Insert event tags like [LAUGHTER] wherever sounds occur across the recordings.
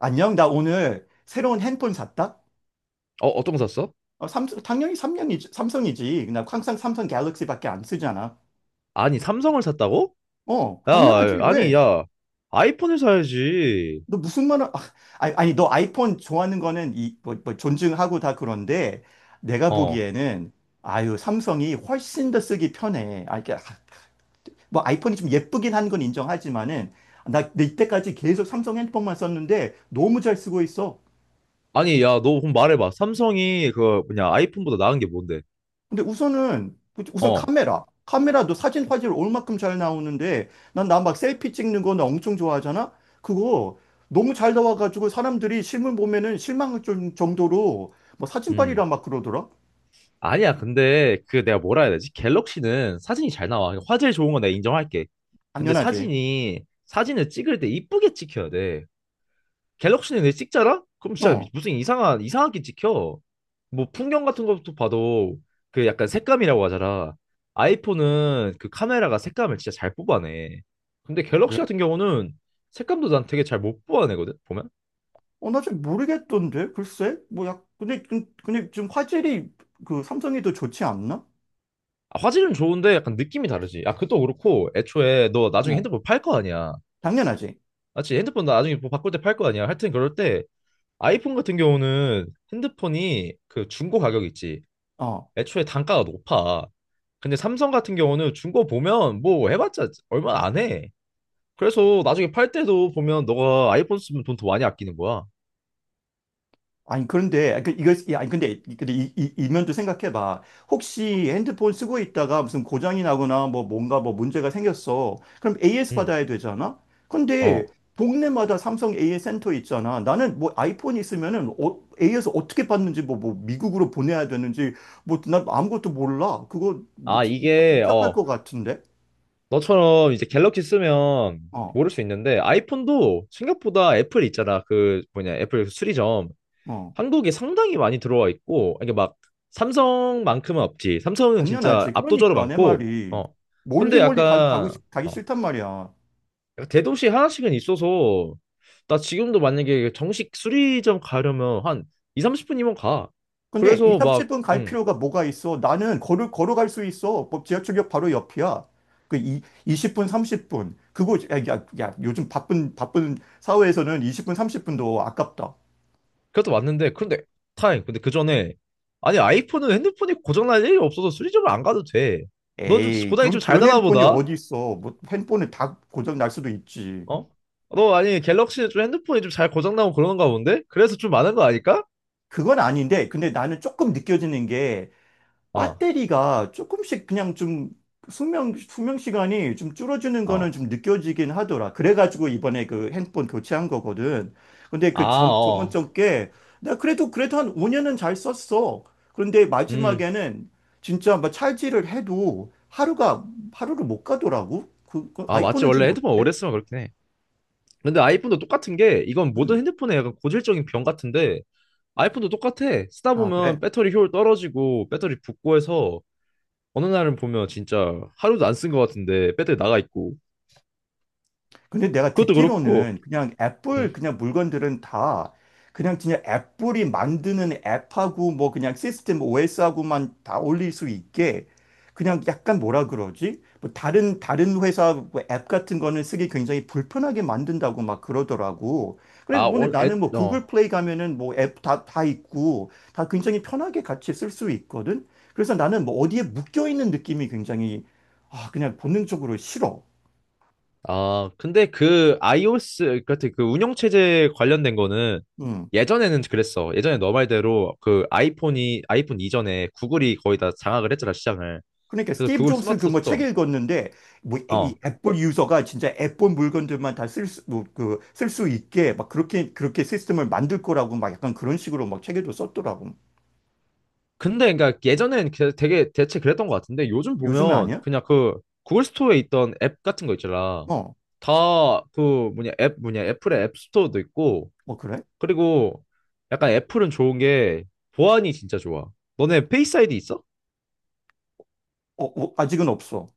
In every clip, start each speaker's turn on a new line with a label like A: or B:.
A: 안녕, 나 오늘 새로운 핸폰 샀다?
B: 어, 어떤 거 샀어?
A: 삼성, 당연히 삼성이지. 삼성이지. 나 항상 삼성 갤럭시밖에 안 쓰잖아.
B: 아니, 삼성을 샀다고?
A: 당연하지.
B: 야, 아니,
A: 왜?
B: 야, 아이폰을 사야지.
A: 너 무슨 말을, 아니, 아니, 너 아이폰 좋아하는 거는 뭐, 존중하고 다 그런데 내가
B: 어.
A: 보기에는 아유, 삼성이 훨씬 더 쓰기 편해. 뭐 아이폰이 좀 예쁘긴 한 건 인정하지만은 나 이때까지 계속 삼성 핸드폰만 썼는데 너무 잘 쓰고 있어.
B: 아니, 야, 너 그럼 말해봐. 삼성이 그 뭐냐, 아이폰보다 나은 게 뭔데?
A: 근데 우선은 우선
B: 어.
A: 카메라도 사진 화질 올만큼 잘 나오는데 난 나 막 셀피 찍는 거 나 엄청 좋아하잖아. 그거 너무 잘 나와가지고 사람들이 실물 보면은 정도로 뭐 사진빨이라
B: 음.
A: 막 그러더라.
B: 아니야, 근데 그 내가 뭐라 해야 되지? 갤럭시는 사진이 잘 나와. 화질 좋은 건 내가 인정할게. 근데
A: 당연하지.
B: 사진을 찍을 때 이쁘게 찍혀야 돼. 갤럭시는 내 찍자라? 그럼 진짜
A: 어,
B: 무슨 이상한 이상하게 찍혀. 뭐 풍경 같은 것도 봐도 그 약간 색감이라고 하잖아. 아이폰은 그 카메라가 색감을 진짜 잘 뽑아내. 근데 갤럭시
A: 그래.
B: 같은 경우는 색감도 난 되게 잘 못 뽑아내거든. 보면
A: 어, 나 잘 모르겠던데. 글쎄 뭐야, 근데 근데 지금 화질이 그 삼성이 더 좋지 않나?
B: 아, 화질은 좋은데 약간 느낌이 다르지. 아, 그것도 그렇고 애초에 너 나중에
A: 어,
B: 핸드폰 팔 거 아니야.
A: 당연하지.
B: 맞지? 핸드폰 나중에 뭐 바꿀 때 팔 거 아니야. 하여튼 그럴 때 아이폰 같은 경우는 핸드폰이 그 중고 가격 있지.
A: 어.
B: 애초에 단가가 높아. 근데 삼성 같은 경우는 중고 보면 뭐 해봤자 얼마 안 해. 그래서 나중에 팔 때도 보면 너가 아이폰 쓰면 돈 더 많이 아끼는 거야.
A: 아니 그런데 그 이거 아니 근데 이 면도 생각해봐. 혹시 핸드폰 쓰고 있다가 무슨 고장이 나거나 뭐 문제가 생겼어. 그럼 AS
B: 응.
A: 받아야 되잖아. 근데
B: 어.
A: 동네마다 삼성 AS 센터 있잖아. 나는 뭐 아이폰이 있으면은 AS 어떻게 받는지 뭐 미국으로 보내야 되는지 뭐난 아무것도 몰라. 그거 뭐
B: 아,
A: 진짜
B: 이게,
A: 복잡할
B: 어,
A: 것 같은데.
B: 너처럼 이제 갤럭시 쓰면
A: 어,
B: 모를 수 있는데 아이폰도 생각보다 애플 있잖아. 그 뭐냐, 애플 그 수리점.
A: 어,
B: 한국에 상당히 많이 들어와 있고, 이게 막 삼성만큼은 없지. 삼성은 진짜
A: 당연하지.
B: 압도적으로
A: 그러니까 내
B: 많고,
A: 말이
B: 어.
A: 멀리
B: 근데
A: 멀리
B: 약간,
A: 가기
B: 어,
A: 싫단 말이야.
B: 대도시 하나씩은 있어서 나 지금도 만약에 정식 수리점 가려면 한 2, 30분이면 가.
A: 근데 2,
B: 그래서 막
A: 30분 갈 필요가 뭐가 있어? 나는 걸어갈 수 있어. 뭐 지하철역 바로 옆이야. 그 이, 20분, 30분. 그거, 야, 요즘 바쁜 사회에서는 20분, 30분도 아깝다.
B: 그것도 맞는데 그런데 타임 근데 그 전에 아니 아이폰은 핸드폰이 고장날 일이 없어서 수리점을 안 가도 돼. 넌 좀
A: 에이,
B: 고장이 좀 잘
A: 그런
B: 나나
A: 핸폰이
B: 보다.
A: 어디 있어. 뭐 핸폰은 다 고장 날 수도 있지.
B: 어? 너 아니 갤럭시는 좀 핸드폰이 좀 잘 고장나고 그러는가 본데? 그래서 좀 많은 거 아닐까?
A: 그건 아닌데, 근데 나는 조금 느껴지는 게
B: 어,
A: 배터리가 조금씩 그냥 좀 수명 시간이 좀 줄어드는 거는
B: 어.
A: 좀 느껴지긴 하더라. 그래가지고 이번에 그 핸드폰 교체한 거거든. 근데 그
B: 아,
A: 전, 저번
B: 어.
A: 적게 나 그래도 한 5년은 잘 썼어. 그런데
B: 음.
A: 마지막에는 진짜 막 찰지를 해도 하루가 하루를 못 가더라고. 그
B: 아, 맞지.
A: 아이폰은
B: 원래
A: 좀
B: 핸드폰
A: 어때?
B: 오래 쓰면 그렇긴 해. 근데 아이폰도 똑같은 게 이건 모든
A: 음.
B: 핸드폰의 약간 고질적인 병 같은데 아이폰도 똑같아. 쓰다
A: 아, 그래?
B: 보면 배터리 효율 떨어지고 배터리 붓고 해서 어느 날은 보면 진짜 하루도 안 쓴 것 같은데 배터리 나가 있고
A: 근데 내가
B: 그것도 그렇고.
A: 듣기로는 그냥
B: 응.
A: 애플 그냥 물건들은 다 그냥 진짜 애플이 만드는 앱하고 뭐 그냥 시스템 OS하고만 다 올릴 수 있게 그냥 약간 뭐라 그러지? 뭐 다른 회사 뭐앱 같은 거는 쓰기 굉장히 불편하게 만든다고 막 그러더라고. 그래
B: 아,
A: 근데
B: 원, 애,
A: 나는 뭐
B: 어.
A: 구글 플레이 가면은 뭐 앱 다 있고 다 굉장히 편하게 같이 쓸 수 있거든. 그래서 나는 뭐 어디에 묶여 있는 느낌이 굉장히, 아 그냥 본능적으로 싫어.
B: 아, 근데 그 iOS 같은 그 운영 체제 관련된 거는
A: 응.
B: 예전에는 그랬어. 예전에 너 말대로 그 아이폰 이전에 구글이 거의 다 장악을 했잖아 시장을.
A: 그러니까
B: 그래서
A: 스티브
B: 구글
A: 잡스 그
B: 스마트
A: 뭐 책
B: 스토어.
A: 읽었는데 뭐 이
B: 어.
A: 애플 유저가 진짜 애플 물건들만 다 쓸 수 뭐 그 쓸 수 있게 막 그렇게 시스템을 만들 거라고 막 약간 그런 식으로 막 책에도 썼더라고.
B: 근데 그러니까 예전엔 되게 대체 그랬던 것 같은데 요즘
A: 요즘에
B: 보면
A: 아니야?
B: 그냥 그 구글 스토어에 있던 앱 같은 거 있잖아.
A: 어,
B: 다 그 뭐냐 앱 뭐냐 애플의 앱 스토어도 있고
A: 어 그래?
B: 그리고 약간 애플은 좋은 게 보안이 진짜 좋아. 너네 페이스 아이디 있어?
A: 아직은 없어.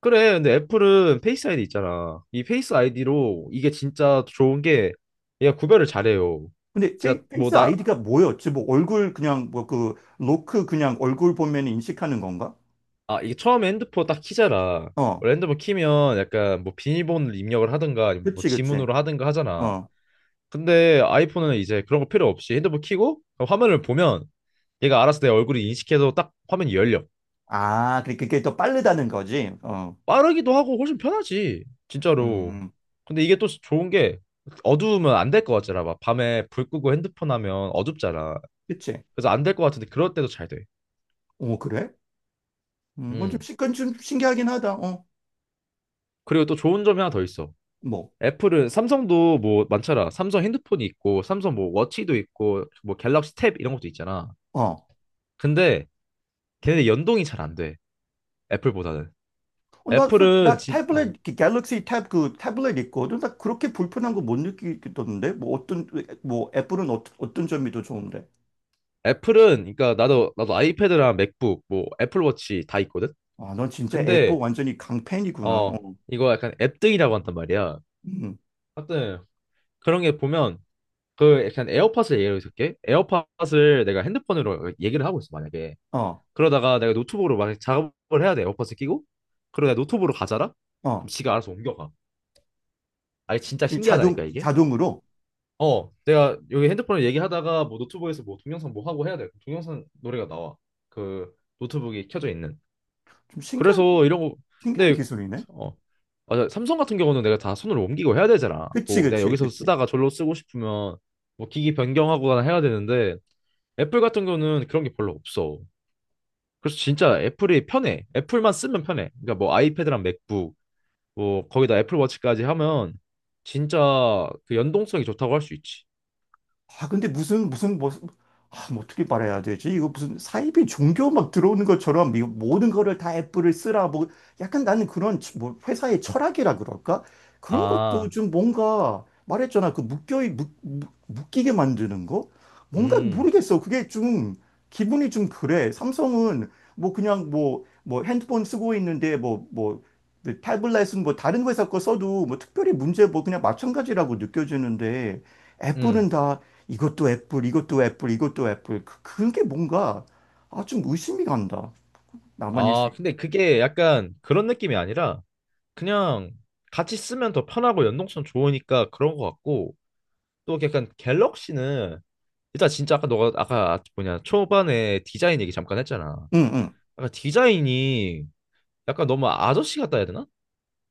B: 그래. 근데 애플은 페이스 아이디 있잖아. 이 페이스 아이디로 이게 진짜 좋은 게 얘가 구별을 잘해요.
A: 근데
B: 진짜
A: 페이스
B: 뭐나
A: 아이디가 뭐였지? 뭐 얼굴 그냥 뭐 그 로크 그냥 얼굴 보면 인식하는 건가?
B: 아, 이게 처음에 핸드폰 딱 키잖아.
A: 어,
B: 원래 핸드폰 키면 약간 뭐 비밀번호를 입력을 하든가 아니면 뭐
A: 그치.
B: 지문으로 하든가 하잖아.
A: 어,
B: 근데 아이폰은 이제 그런 거 필요 없이 핸드폰 키고 그럼 화면을 보면 얘가 알아서 내 얼굴을 인식해서 딱 화면이 열려.
A: 아 그게 더 빠르다는 거지. 어,
B: 빠르기도 하고 훨씬 편하지. 진짜로.
A: 음,
B: 근데 이게 또 좋은 게 어두우면 안 될 것 같잖아. 막 밤에 불 끄고 핸드폰 하면 어둡잖아.
A: 그치.
B: 그래서 안 될 것 같은데 그럴 때도 잘 돼.
A: 오 그래?
B: 음.
A: 그건 좀 신기하긴 하다. 어,
B: 그리고 또 좋은 점이 하나 더 있어.
A: 뭐,
B: 애플은 삼성도 뭐 많잖아. 삼성 핸드폰이 있고, 삼성 뭐 워치도 있고, 뭐 갤럭시 탭 이런 것도 있잖아.
A: 어.
B: 근데 걔네 연동이 잘 안 돼. 애플보다는.
A: 어,
B: 애플은
A: 나
B: 진 음.
A: 그 갤럭시 탭, 그 태블릿 있거든. 나 그렇게 불편한 거 못 느끼겠던데? 뭐, 어떤, 뭐, 애플은 어떤 점이 더 좋은데?
B: 애플은 그러니까 나도 아이패드랑 맥북 뭐 애플워치 다 있거든.
A: 아, 넌 진짜 애플
B: 근데
A: 완전히 강팬이구나.
B: 어
A: 어,
B: 이거 약간 앱등이라고 한단 말이야.
A: 음,
B: 하여튼 그런 게 보면 그 약간 에어팟을 예로 들게. 에어팟을 내가 핸드폰으로 얘기를 하고 있어 만약에.
A: 어,
B: 그러다가 내가 노트북으로 막 작업을 해야 돼. 에어팟을 끼고. 그러다 노트북으로 가잖아? 그럼
A: 어.
B: 지가 알아서 옮겨가. 아니, 진짜
A: 이
B: 신기하다니까, 이게.
A: 자동으로?
B: 어, 내가 여기 핸드폰을 얘기하다가 뭐 노트북에서 뭐 동영상 뭐 하고 해야 돼. 그럼 동영상 노래가 나와. 그 노트북이 켜져 있는.
A: 좀
B: 그래서 이런 거,
A: 신기한
B: 근데,
A: 기술이네?
B: 어, 맞아. 삼성 같은 경우는 내가 다 손으로 옮기고 해야 되잖아.
A: 그치,
B: 뭐 내가
A: 그치,
B: 여기서
A: 그치.
B: 쓰다가 절로 쓰고 싶으면 뭐 기기 변경하거나 해야 되는데 애플 같은 경우는 그런 게 별로 없어. 그래서 진짜 애플이 편해. 애플만 쓰면 편해. 그러니까 뭐 아이패드랑 맥북, 뭐 거기다 애플워치까지 하면 진짜 그 연동성이 좋다고 할 수 있지.
A: 아, 근데 아, 뭐 어떻게 말해야 되지? 이거 무슨 사이비 종교 막 들어오는 것처럼 이 모든 거를 다 애플을 쓰라. 뭐, 약간 나는 뭐, 회사의 철학이라 그럴까? 그런 것도
B: 아,
A: 좀 뭔가, 말했잖아. 그 묶이게 만드는 거? 뭔가
B: 음,
A: 모르겠어. 그게 좀, 기분이 좀 그래. 삼성은 뭐 그냥 뭐 핸드폰 쓰고 있는데 타블렛은 뭐 다른 회사 거 써도 뭐 특별히 문제 뭐 그냥 마찬가지라고 느껴지는데 애플은
B: 음.
A: 다 이것도 애플, 이것도 애플, 이것도 애플. 그게 뭔가, 아, 좀 의심이 간다. 나만일 수
B: 아,
A: 있...
B: 근데 그게 약간 그런 느낌이 아니라 그냥 같이 쓰면 더 편하고 연동성 좋으니까 그런 것 같고 또 약간 갤럭시는 일단 진짜 아까 너가 아까 뭐냐 초반에 디자인 얘기 잠깐 했잖아.
A: 응, 응,
B: 약간 디자인이 약간 너무 아저씨 같다 해야 되나?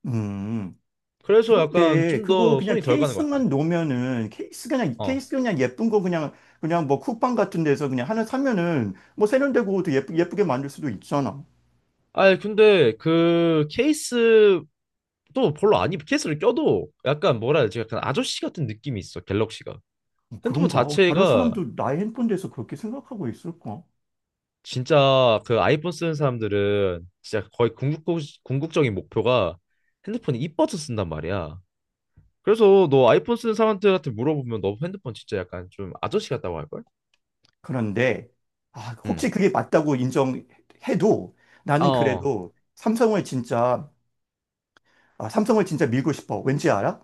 A: 음.
B: 그래서 약간
A: 그런데
B: 좀
A: 그거
B: 더
A: 그냥
B: 손이 덜 가는 것 같아.
A: 케이스만 놓으면은 케이스 그냥
B: 어.
A: 케이스 그냥 예쁜 거 그냥, 그냥 뭐 쿠팡 같은 데서 그냥 하나 사면은 뭐 세련되고 또 예쁘게 만들 수도 있잖아.
B: 아니, 근데 그 케이스도 별로 안 입, 케이스를 껴도 약간 뭐라 해야 되지? 약간 아저씨 같은 느낌이 있어, 갤럭시가.
A: 어,
B: 핸드폰
A: 그런가? 어, 다른
B: 자체가
A: 사람도 나의 핸폰 대해서 그렇게 생각하고 있을까?
B: 진짜 그 아이폰 쓰는 사람들은 진짜 거의 궁극적인 목표가 핸드폰이 이뻐서 쓴단 말이야. 그래서 너 아이폰 쓰는 사람들한테 물어보면 너 핸드폰 진짜 약간 좀 아저씨 같다고 할걸?
A: 그런데 아, 혹시
B: 응.
A: 그게 맞다고 인정해도
B: 아,
A: 나는
B: 어.
A: 그래도 삼성을 진짜, 아, 삼성을 진짜 밀고 싶어. 왠지 알아?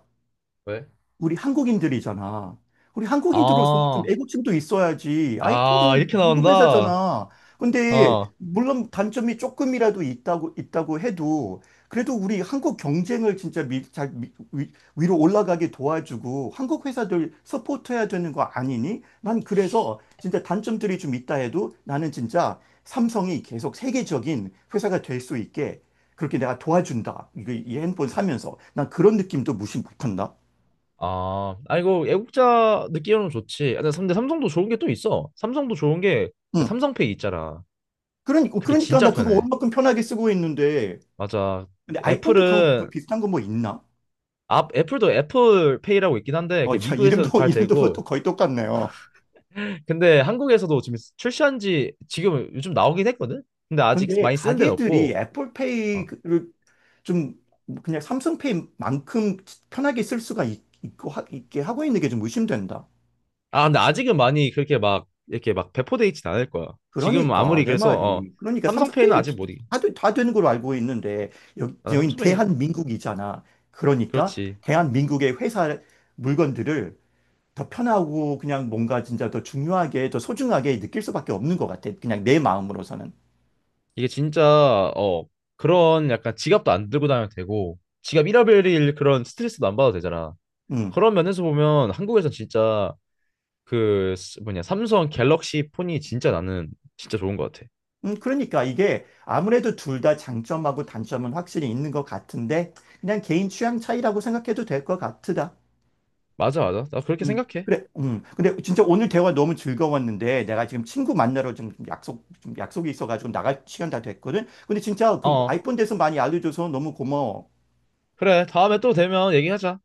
B: 왜?
A: 우리 한국인들이잖아. 우리 한국인들로서 좀
B: 아,
A: 애국심도 있어야지.
B: 아,
A: 아이폰은
B: 이렇게
A: 미국
B: 나온다.
A: 회사잖아. 근데
B: 어.
A: 물론 단점이 조금이라도 있다고 해도 그래도 우리 한국 경쟁을 진짜 미, 잘 미, 위, 위로 올라가게 도와주고 한국 회사들 서포트해야 되는 거 아니니? 난 그래서 진짜 단점들이 좀 있다 해도 나는 진짜 삼성이 계속 세계적인 회사가 될 수 있게 그렇게 내가 도와준다. 이거 이 핸폰 사면서 난 그런 느낌도 무시 못한다.
B: 아, 아 이거 애국자 느끼으면 좋지. 아, 근데 삼성도 좋은 게 또 있어. 삼성도 좋은 게 그
A: 응.
B: 삼성페이 있잖아. 그게
A: 그러니까
B: 진짜
A: 나 그거
B: 편해.
A: 얼마큼 편하게 쓰고 있는데.
B: 맞아.
A: 근데 아이폰도 그런 거
B: 애플은
A: 비슷한 거 뭐 있나?
B: 아, 애플도 애플페이라고 있긴 한데
A: 어,
B: 그게
A: 야, [LAUGHS]
B: 미국에서는 잘
A: 이름도 뭐또
B: 되고
A: 거의 똑같네요.
B: 근데 한국에서도 지금 출시한 지 지금 요즘 나오긴 했거든. 근데 아직
A: 근데
B: 많이 쓰는 데는
A: 가게들이
B: 없고. 어.
A: 애플페이를 좀 그냥 삼성페이만큼 편하게 쓸 수가 있, 고 하, 있게 하고 있는 게 좀 의심된다.
B: 아, 근데 아직은 많이 그렇게 막 이렇게 막 배포돼 있진 않을 거야. 지금
A: 그러니까
B: 아무리
A: 내
B: 그래서 어
A: 말이, 그러니까
B: 삼성페이는
A: 삼성페이는
B: 아직 못 이기.
A: 다 되는 걸로 알고 있는데
B: 아,
A: 여긴
B: 삼성페이
A: 대한민국이잖아. 그러니까
B: 그렇지.
A: 대한민국의 회사 물건들을 더 편하고 그냥 뭔가 진짜 더 중요하게, 더 소중하게 느낄 수밖에 없는 것 같아. 그냥 내 마음으로서는.
B: 이게 진짜 어 그런 약간 지갑도 안 들고 다녀도 되고 지갑 잃어버릴 그런 스트레스도 안 받아도 되잖아.
A: 음.
B: 그런 면에서 보면 한국에선 진짜 뭐냐 삼성 갤럭시 폰이 진짜 나는 진짜 좋은 것 같아.
A: 그러니까 이게 아무래도 둘 다 장점하고 단점은 확실히 있는 것 같은데, 그냥 개인 취향 차이라고 생각해도 될 것 같다.
B: 맞아, 맞아. 나 그렇게 생각해.
A: 그래. 음. 근데 진짜 오늘 대화 너무 즐거웠는데, 내가 지금 친구 만나러 좀 좀 약속이 있어가지고 나갈 시간 다 됐거든? 근데 진짜 그
B: 어
A: 아이폰 대해서 많이 알려줘서 너무 고마워.
B: 그래, 다음에 또 되면 얘기하자.